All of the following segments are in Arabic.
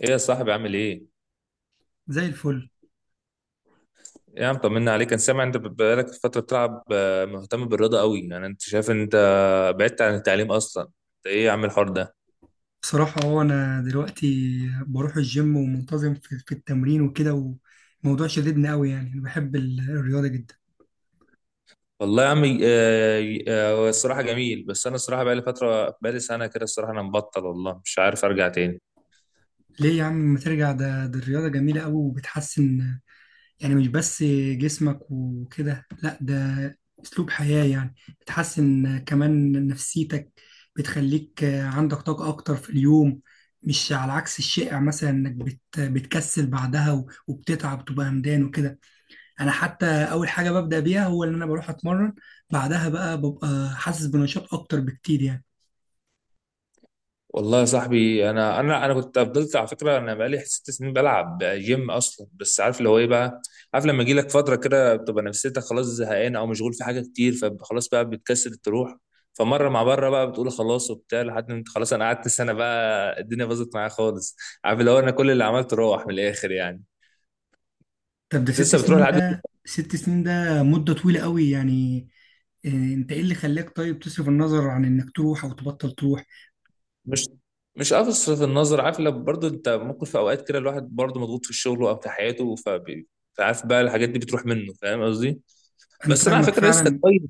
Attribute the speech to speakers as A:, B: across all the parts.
A: ايه يا صاحبي عامل ايه؟
B: زي الفل.
A: إيه يا عم طمنا عليك. انا سامع انت بقالك فترة بتلعب، مهتم بالرياضة قوي. يعني انت شايف ان انت بعدت عن التعليم اصلا؟ انت ايه يا عم الحوار ده؟
B: بصراحة، هو أنا دلوقتي بروح الجيم ومنتظم في التمرين وكده. والموضوع شددني أوي، يعني أنا بحب الرياضة جدا.
A: والله يا عم، هو الصراحة جميل، بس انا الصراحة بقالي فترة، بقالي سنة كده الصراحة، انا مبطل والله، مش عارف ارجع تاني.
B: ليه يا عم ما ترجع؟ ده الرياضة جميلة أوي وبتحسن، يعني مش بس جسمك وكده. لأ، ده أسلوب حياة يعني. بتحسن كمان نفسيتك، بتخليك عندك طاقة أكتر في اليوم. مش على عكس الشائع مثلا إنك بتكسل بعدها وبتتعب تبقى همدان وكده. انا حتى اول حاجه ببدا بيها هو ان انا بروح اتمرن، بعدها بقى ببقى حاسس بنشاط اكتر بكتير يعني.
A: والله يا صاحبي، انا كنت فضلت على فكره، انا بقالي 6 سنين بلعب جيم اصلا، بس عارف اللي هو ايه بقى؟ عارف لما يجي لك فتره كده بتبقى نفسيتك خلاص زهقان او مشغول في حاجه كتير، فخلاص بقى بتكسل تروح، فمره مع بره بقى بتقول خلاص وبتاع، لحد ما انت خلاص انا قعدت سنه بقى الدنيا باظت معايا خالص. عارف اللي هو انا كل اللي عملته روح من الاخر يعني.
B: طب ده
A: انت
B: ست
A: لسه بتروح
B: سنين
A: لحد؟
B: ده 6 سنين، ده مده طويله قوي يعني. إيه، انت ايه اللي خلاك طيب تصرف النظر عن انك تروح او تبطل تروح؟
A: مش مش قافص في النظر، عارف، لو برضه انت ممكن في اوقات كده الواحد برضه مضغوط في شغله او في حياته، فعارف بقى الحاجات دي بتروح منه، فاهم قصدي؟
B: انا
A: بس انا على
B: فاهمك
A: فكره لسه
B: فعلا.
A: كويس.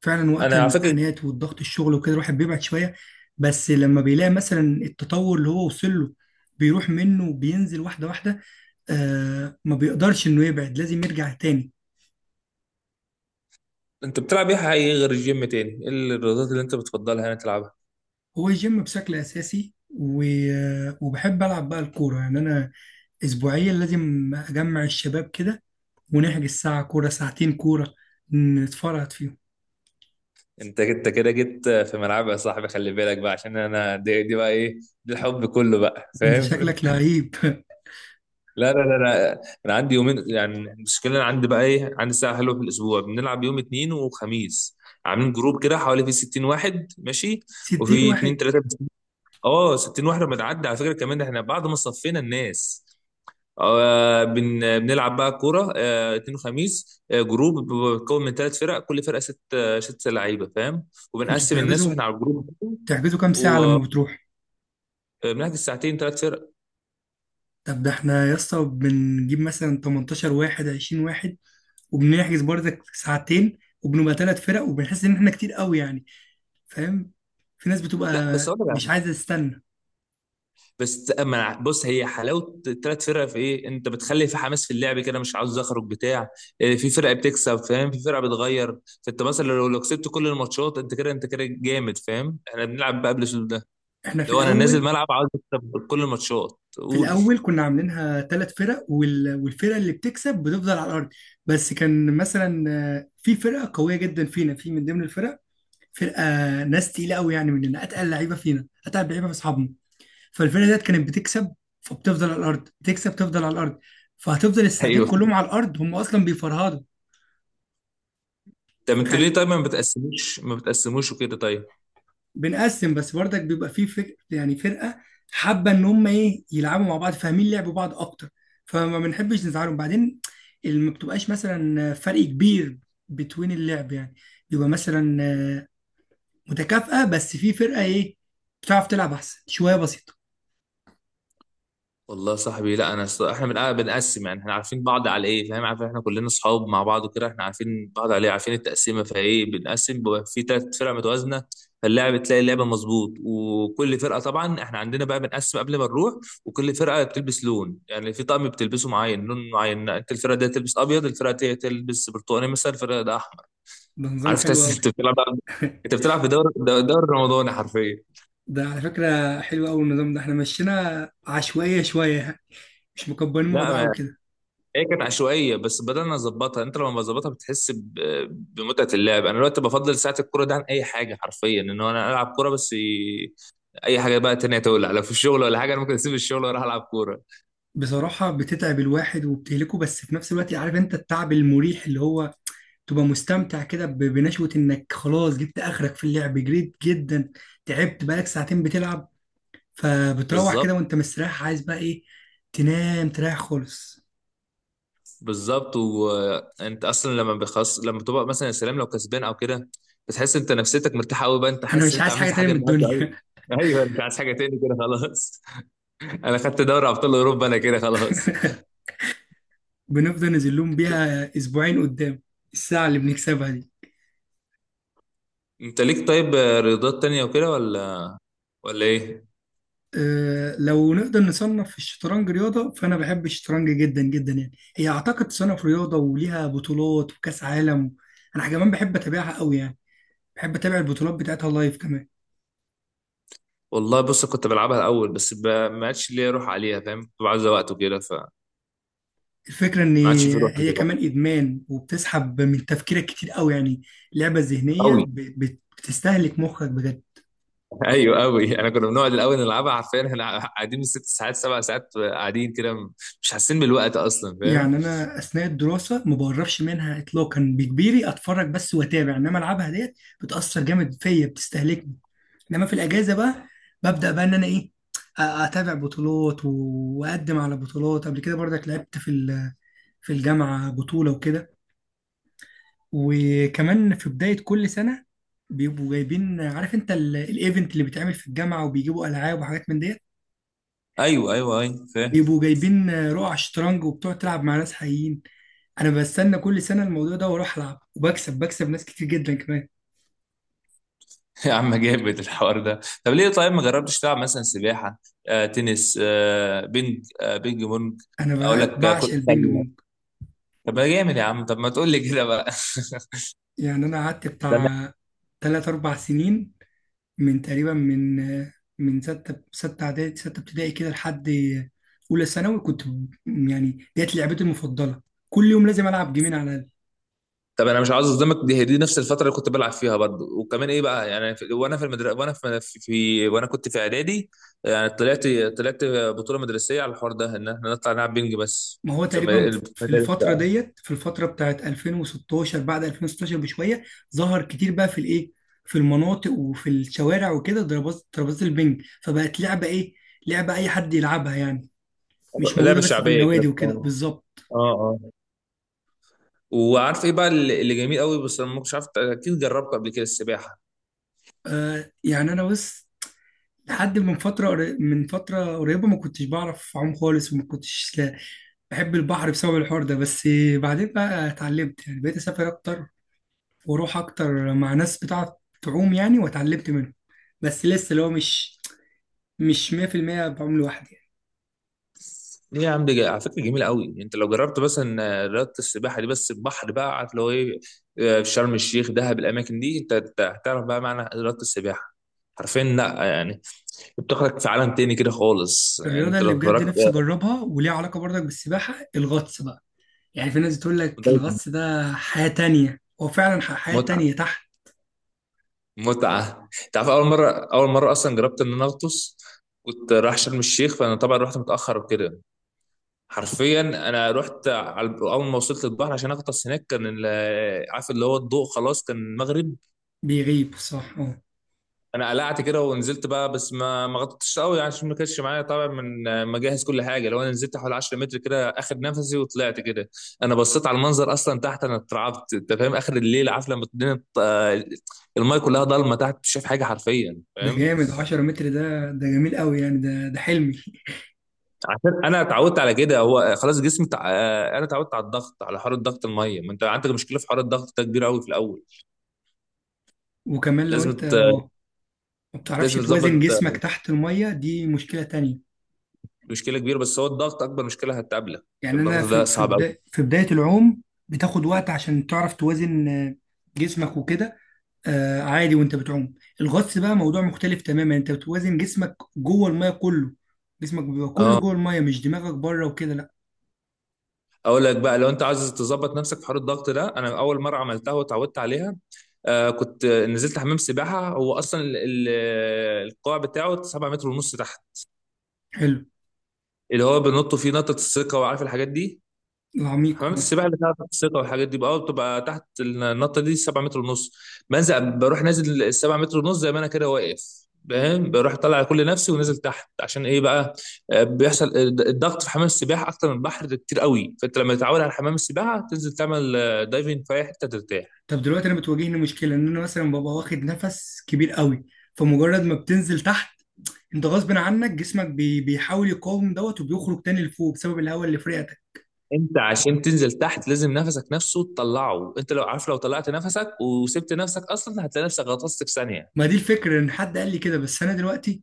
B: فعلا وقت
A: انا على فكره
B: الامتحانات والضغط الشغل وكده الواحد بيبعد شويه، بس لما بيلاقي مثلا التطور اللي هو وصل له بيروح منه وبينزل واحده واحده. آه، ما بيقدرش انه يبعد، لازم يرجع تاني.
A: انت بتلعب ايه حقيقي غير الجيم؟ تاني ايه الرياضات اللي انت بتفضلها يعني تلعبها؟
B: هو الجيم بشكل اساسي وبحب العب بقى الكوره. يعني انا اسبوعيا لازم اجمع الشباب كده ونحجز ساعه كوره، ساعتين كوره، نتفرهد فيهم.
A: انت كده جيت في ملعبي يا صاحبي، خلي بالك بقى، عشان انا دي بقى ايه، دي الحب كله بقى،
B: انت
A: فاهم؟
B: شكلك لعيب.
A: لا لا لا لا، انا عندي يومين يعني، المشكله انا عندي بقى ايه، عندي ساعه حلوه في الاسبوع، بنلعب يوم اثنين وخميس، عاملين جروب كده حوالي في 60 واحد ماشي،
B: 60
A: وفي اثنين
B: واحد؟
A: ثلاثه. اه 60 واحد، لما تعدي على فكره كمان احنا بعد ما صفينا الناس. آه بن بنلعب بقى كوره، اثنين وخميس، جروب بيتكون من 3 فرق، كل فرقه ست لعيبه، فاهم؟
B: انتوا
A: وبنقسم الناس
B: بتحجزوا،
A: واحنا على الجروب،
B: كام ساعه
A: وبنحجز
B: لما بتروح؟
A: ساعتين 3 فرق.
B: طب ده احنا يا اسطى بنجيب مثلا 18 واحد 20 واحد، وبنحجز برضك ساعتين وبنبقى ثلاث فرق، وبنحس ان احنا كتير قوي يعني. فاهم؟ في ناس بتبقى
A: لا بس اقول
B: مش
A: لك،
B: عايزه تستنى.
A: بس اما بص، هي حلاوه الـ3 فرق في ايه، انت بتخلي في حماس في اللعب كده، مش عاوز اخرج بتاع. في فرقه بتكسب، فاهم، في فرقه بتغير، فانت مثلا لو كسبت كل الماتشات انت كده، انت كده جامد فاهم. احنا بنلعب بقى بالاسلوب ده،
B: احنا في
A: لو انا نازل
B: الاول
A: ملعب عاوز اكسب كل الماتشات،
B: في
A: قول.
B: الاول كنا عاملينها ثلاث فرق والفرقه اللي بتكسب بتفضل على الارض. بس كان مثلا في فرقه قويه جدا فينا، في من ضمن الفرق فرقه ناس تقيله قوي، يعني مننا اتقل لعيبه فينا، اتقل لعيبه من اصحابنا. فالفرقه ديت كانت بتكسب، فبتفضل على الارض. بتكسب تفضل على الارض، فهتفضل الساعتين
A: ايوه.
B: كلهم على الارض. هم اصلا بيفرهدوا.
A: طب انتوا ليه طيب ما بتقسموش، ما بتقسموش وكده طيب؟
B: بنقسم، بس برضك بيبقى فيه يعني فرقه حابه ان هم ايه يلعبوا مع بعض، فاهمين لعب بعض اكتر، فما بنحبش نزعلهم بعدين. ما بتبقاش مثلا فرق كبير بتوين اللعب يعني. يبقى مثلا متكافئه، بس في فرقه ايه بتعرف تلعب احسن شويه بسيطه.
A: والله يا صاحبي لا، انا احنا بنقسم يعني، احنا عارفين بعض على ايه، فاهم؟ عارف، احنا كلنا اصحاب مع بعض وكده، احنا عارفين بعض على ايه، عارفين التقسيمه، فايه، بنقسم بيبقى في 3 فرق متوازنه، فاللاعب تلاقي اللعبه مظبوط، وكل فرقه طبعا احنا عندنا بقى بنقسم قبل ما نروح، وكل فرقه بتلبس لون، يعني في طقم بتلبسه معين، لون معين، انت الفرقه دي تلبس ابيض، الفرقه دي تلبس برتقاني مثلا، الفرقه ده احمر.
B: ده نظام
A: عارف
B: حلو
A: تحس
B: قوي.
A: انت بتلعب، انت بتلعب في دوري، دوري رمضاني حرفيا.
B: ده على فكره حلو قوي النظام ده. احنا مشينا عشوائيه شويه يعني، مش مكبرين الموضوع
A: لا،
B: وكده.
A: هي كانت عشوائيه بس بدلنا نظبطها، يعني انت لما بظبطها بتحس بمتعه اللعب. انا دلوقتي بفضل ساعه الكوره ده عن اي حاجه حرفيا، ان هو انا العب كوره بس، اي حاجه بقى تانية تولع، لو في الشغل ولا حاجه، انا ممكن اسيب الشغل واروح العب كوره.
B: بصراحه بتتعب الواحد وبتهلكه، بس في نفس الوقت عارف انت التعب المريح اللي هو تبقى مستمتع كده بنشوة انك خلاص جبت اخرك في اللعب، جريت جدا، تعبت بقالك ساعتين بتلعب، فبتروح
A: بالظبط.
B: كده وانت مستريح عايز بقى ايه؟ تنام تريح خالص.
A: بالظبط، وانت اصلا لما بخص، لما بتبقى مثلا يا سلام لو كسبان او كده، بتحس انت نفسيتك مرتاحه قوي بقى، انت
B: انا
A: حاسس ان
B: مش
A: انت
B: عايز حاجة
A: عملت
B: تانية
A: حاجه
B: من
A: النهارده قوي.
B: الدنيا.
A: ايوه، انت عايز حاجه تاني كده خلاص. انا خدت دوري ابطال اوروبا انا كده خلاص.
B: بنفضل نزلهم بيها اسبوعين قدام، الساعة اللي بنكسبها دي.
A: انت ليك طيب رياضات تانية وكده ولا ولا ايه؟
B: أه، لو نقدر نصنف الشطرنج رياضة، فأنا بحب الشطرنج جدا جدا يعني. هي أعتقد تصنف رياضة وليها بطولات وكأس عالم. أنا كمان بحب أتابعها قوي يعني، بحب أتابع البطولات بتاعتها لايف كمان.
A: والله بص، كنت بلعبها الاول بس ما عادش ليا روح عليها، فاهم؟ كنت بعزة وقت وكده، فما
B: الفكرة إن
A: عادش في روح
B: هي
A: دلوقتي.
B: كمان إدمان وبتسحب من تفكيرك كتير قوي يعني. لعبة ذهنية
A: قوي.
B: بتستهلك مخك بجد.
A: ايوه قوي، انا كنا بنقعد الاول نلعبها حرفيا، احنا قاعدين بالست ساعات سبع ساعات، قاعدين كده مش حاسين بالوقت اصلا، فاهم؟
B: يعني أنا أثناء الدراسة ما بقربش منها إطلاقا، بكبيري أتفرج بس وأتابع، إنما ألعبها ديت بتأثر جامد فيا، بتستهلكني. إنما في الأجازة بقى ببدأ بقى إن أنا إيه أتابع بطولات وأقدم على بطولات. قبل كده برضك لعبت في الجامعة بطولة وكده. وكمان في بداية كل سنة بيبقوا جايبين، عارف انت الايفنت اللي بيتعمل في الجامعة، وبيجيبوا ألعاب وحاجات من ديت.
A: ايوه ايوه ايوه فاهم.
B: بيبقوا جايبين رقع شطرنج وبتقعد تلعب مع ناس حقيقيين. انا بستنى كل سنة الموضوع ده واروح العب وبكسب، ناس كتير جدا كمان.
A: يا عم جامد الحوار ده. طب ليه طيب ما جربتش تلعب مثلا سباحه، تنس، بينج بونج؟
B: انا
A: اقول لك كره
B: بعشق البينج
A: سله.
B: بونج.
A: طب ما جامد يا عم، طب ما تقول لي كده بقى.
B: يعني انا قعدت بتاع تلات أربع سنين، من تقريبا من ستة، ستة إعدادي ستة ابتدائي كده، لحد أولى ثانوي كنت يعني ديت لعبتي المفضلة. كل يوم لازم ألعب جيمين على الأقل.
A: طب انا مش عاوز اصدمك، دي هي دي نفس الفتره اللي كنت بلعب فيها برضه، وكمان ايه بقى يعني، في وانا في المدرسه، وانا وانا كنت في اعدادي يعني، طلعت، طلعت بطوله مدرسيه على الحوار ده، ان احنا نطلع نلعب بينج، بس
B: ما هو
A: في
B: تقريبا في
A: المدارس.
B: الفترة ديت، في الفترة بتاعت 2016، بعد 2016 بشوية، ظهر كتير بقى في الايه، في المناطق وفي الشوارع وكده. ترابيزة البنج فبقت لعبة ايه، لعبة اي حد يلعبها يعني، مش
A: لعبه
B: موجودة بس في
A: شعبيه كده.
B: النوادي وكده.
A: اه،
B: بالظبط.
A: اه، اه. وعارف ايه بقى اللي جميل قوي، بس أنا ما كنتش عارف، اكيد جربت قبل كده السباحه.
B: يعني انا بس لحد من فترة قريبة ما كنتش بعرف اعوم خالص، وما كنتش بحب البحر بسبب الحوار ده بس. بعدين بقى اتعلمت، يعني بقيت اسافر اكتر، واروح اكتر مع ناس بتعرف تعوم يعني، واتعلمت منهم. بس لسه اللي هو مش 100% بعوم لوحدي يعني.
A: ليه يا عم، دي على فكره جميله قوي، انت لو جربت مثلا رياضه السباحه دي، بس البحر بقى، عارف اللي هو ايه، في شرم الشيخ، دهب، الاماكن دي، انت أنت هتعرف بقى معنى رياضه السباحه حرفيا، لا يعني، بتاخدك في عالم تاني كده خالص، يعني
B: الرياضه
A: انت
B: اللي
A: لو
B: بجد
A: اتفرجت
B: نفسي اجربها وليها علاقه برضك بالسباحه الغطس بقى. يعني في ناس بتقول لك الغطس ده حياه تانية. هو فعلا حياه
A: متعه.
B: تانية تحت.
A: متعه، انت عارف، اول مره، اول مره اصلا جربت ان انا اغطس، كنت رايح شرم الشيخ، فانا طبعا رحت متاخر وكده، حرفيا انا رحت على اول ما وصلت البحر عشان اغطس هناك، كان عارف اللي هو الضوء خلاص، كان المغرب،
B: بيغيب، صح، اه.
A: انا قلعت كده ونزلت بقى، بس ما غطيتش قوي يعني، عشان ما كانش معايا طبعا من مجهز كل حاجه، لو انا نزلت حوالي 10 متر كده، اخد نفسي وطلعت كده. انا بصيت على المنظر اصلا تحت انا اترعبت، انت فاهم، اخر الليل، عارف لما الدنيا المايه كلها ضلمه تحت، مش شايف حاجه حرفيا،
B: ده
A: فاهم؟
B: جامد. 10 متر، ده جميل قوي يعني. ده حلمي.
A: عشان انا اتعودت على كده، هو خلاص جسمي تع... آه، انا اتعودت على الضغط، على حر الضغط الميه، ما انت عندك مشكله في حر الضغط ده كبير قوي في الاول،
B: وكمان لو انت
A: لازم ت...
B: ما بتعرفش
A: لازم
B: توازن
A: تظبط.
B: جسمك تحت الميه، دي مشكله تانية.
A: مشكله كبيره، بس هو الضغط اكبر مشكله هتقابلك،
B: يعني انا
A: الضغط ده صعب قوي.
B: في بدايه العوم بتاخد وقت عشان تعرف توازن جسمك وكده. عادي وانت بتعوم. الغطس بقى موضوع مختلف تماما. انت بتوازن جسمك جوه الميه كله، جسمك بيبقى كله
A: اه،
B: جوه الميه، مش دماغك بره وكده لا.
A: اقول لك بقى، لو انت عايز تظبط نفسك في حوار الضغط ده، انا اول مره عملتها واتعودت عليها، آه، كنت نزلت حمام سباحه، هو اصلا القاع بتاعه 7 متر ونص تحت،
B: حلو.
A: اللي هو بنط فيه نطه الثقه وعارف الحاجات دي،
B: العميق،
A: حمامات
B: اه.
A: السباحه اللي فيها الثقه والحاجات دي بقى، بتبقى تحت النطه دي 7 متر ونص، بنزل بروح نازل ال 7 متر ونص زي ما انا كده واقف، فاهم؟ بروح طالع كل نفسي ونازل تحت، عشان ايه بقى، بيحصل الضغط في حمام السباحه اكتر من البحر ده كتير قوي، فانت لما تتعود على حمام السباحه، تنزل تعمل دايفنج في اي حته ترتاح.
B: طب دلوقتي انا بتواجهني مشكله ان انا مثلا ببقى واخد نفس كبير قوي، فمجرد ما بتنزل تحت انت غصب عنك جسمك بيحاول يقاوم دوت وبيخرج تاني لفوق بسبب الهواء اللي في رئتك.
A: انت عشان تنزل تحت لازم نفسك، نفسه تطلعه، انت لو عارف لو طلعت نفسك وسبت نفسك اصلا، هتلاقي نفسك غطست في ثانيه.
B: ما دي الفكرة، ان حد قال لي كده، بس انا دلوقتي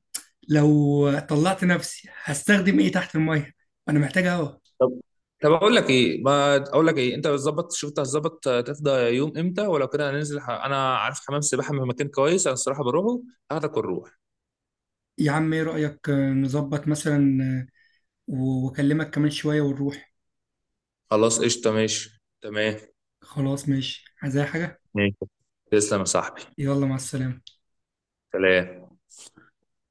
B: لو طلعت نفسي هستخدم ايه تحت المية؟ انا محتاج هوا.
A: طب طب اقول لك ايه ما اقول لك ايه انت بتظبط، شوف انت هتظبط تفضى يوم امتى، ولو كده هننزل، انا عارف حمام سباحه من مكان كويس، انا الصراحه بروحه، هاخدك ونروح.
B: يا عم ايه رأيك نظبط مثلا واكلمك كمان شوية ونروح.
A: خلاص قشطه، ماشي تمام.
B: خلاص ماشي، عايز اي حاجة.
A: ماشي. تسلم يا صاحبي.
B: يلا مع السلامة.
A: سلام.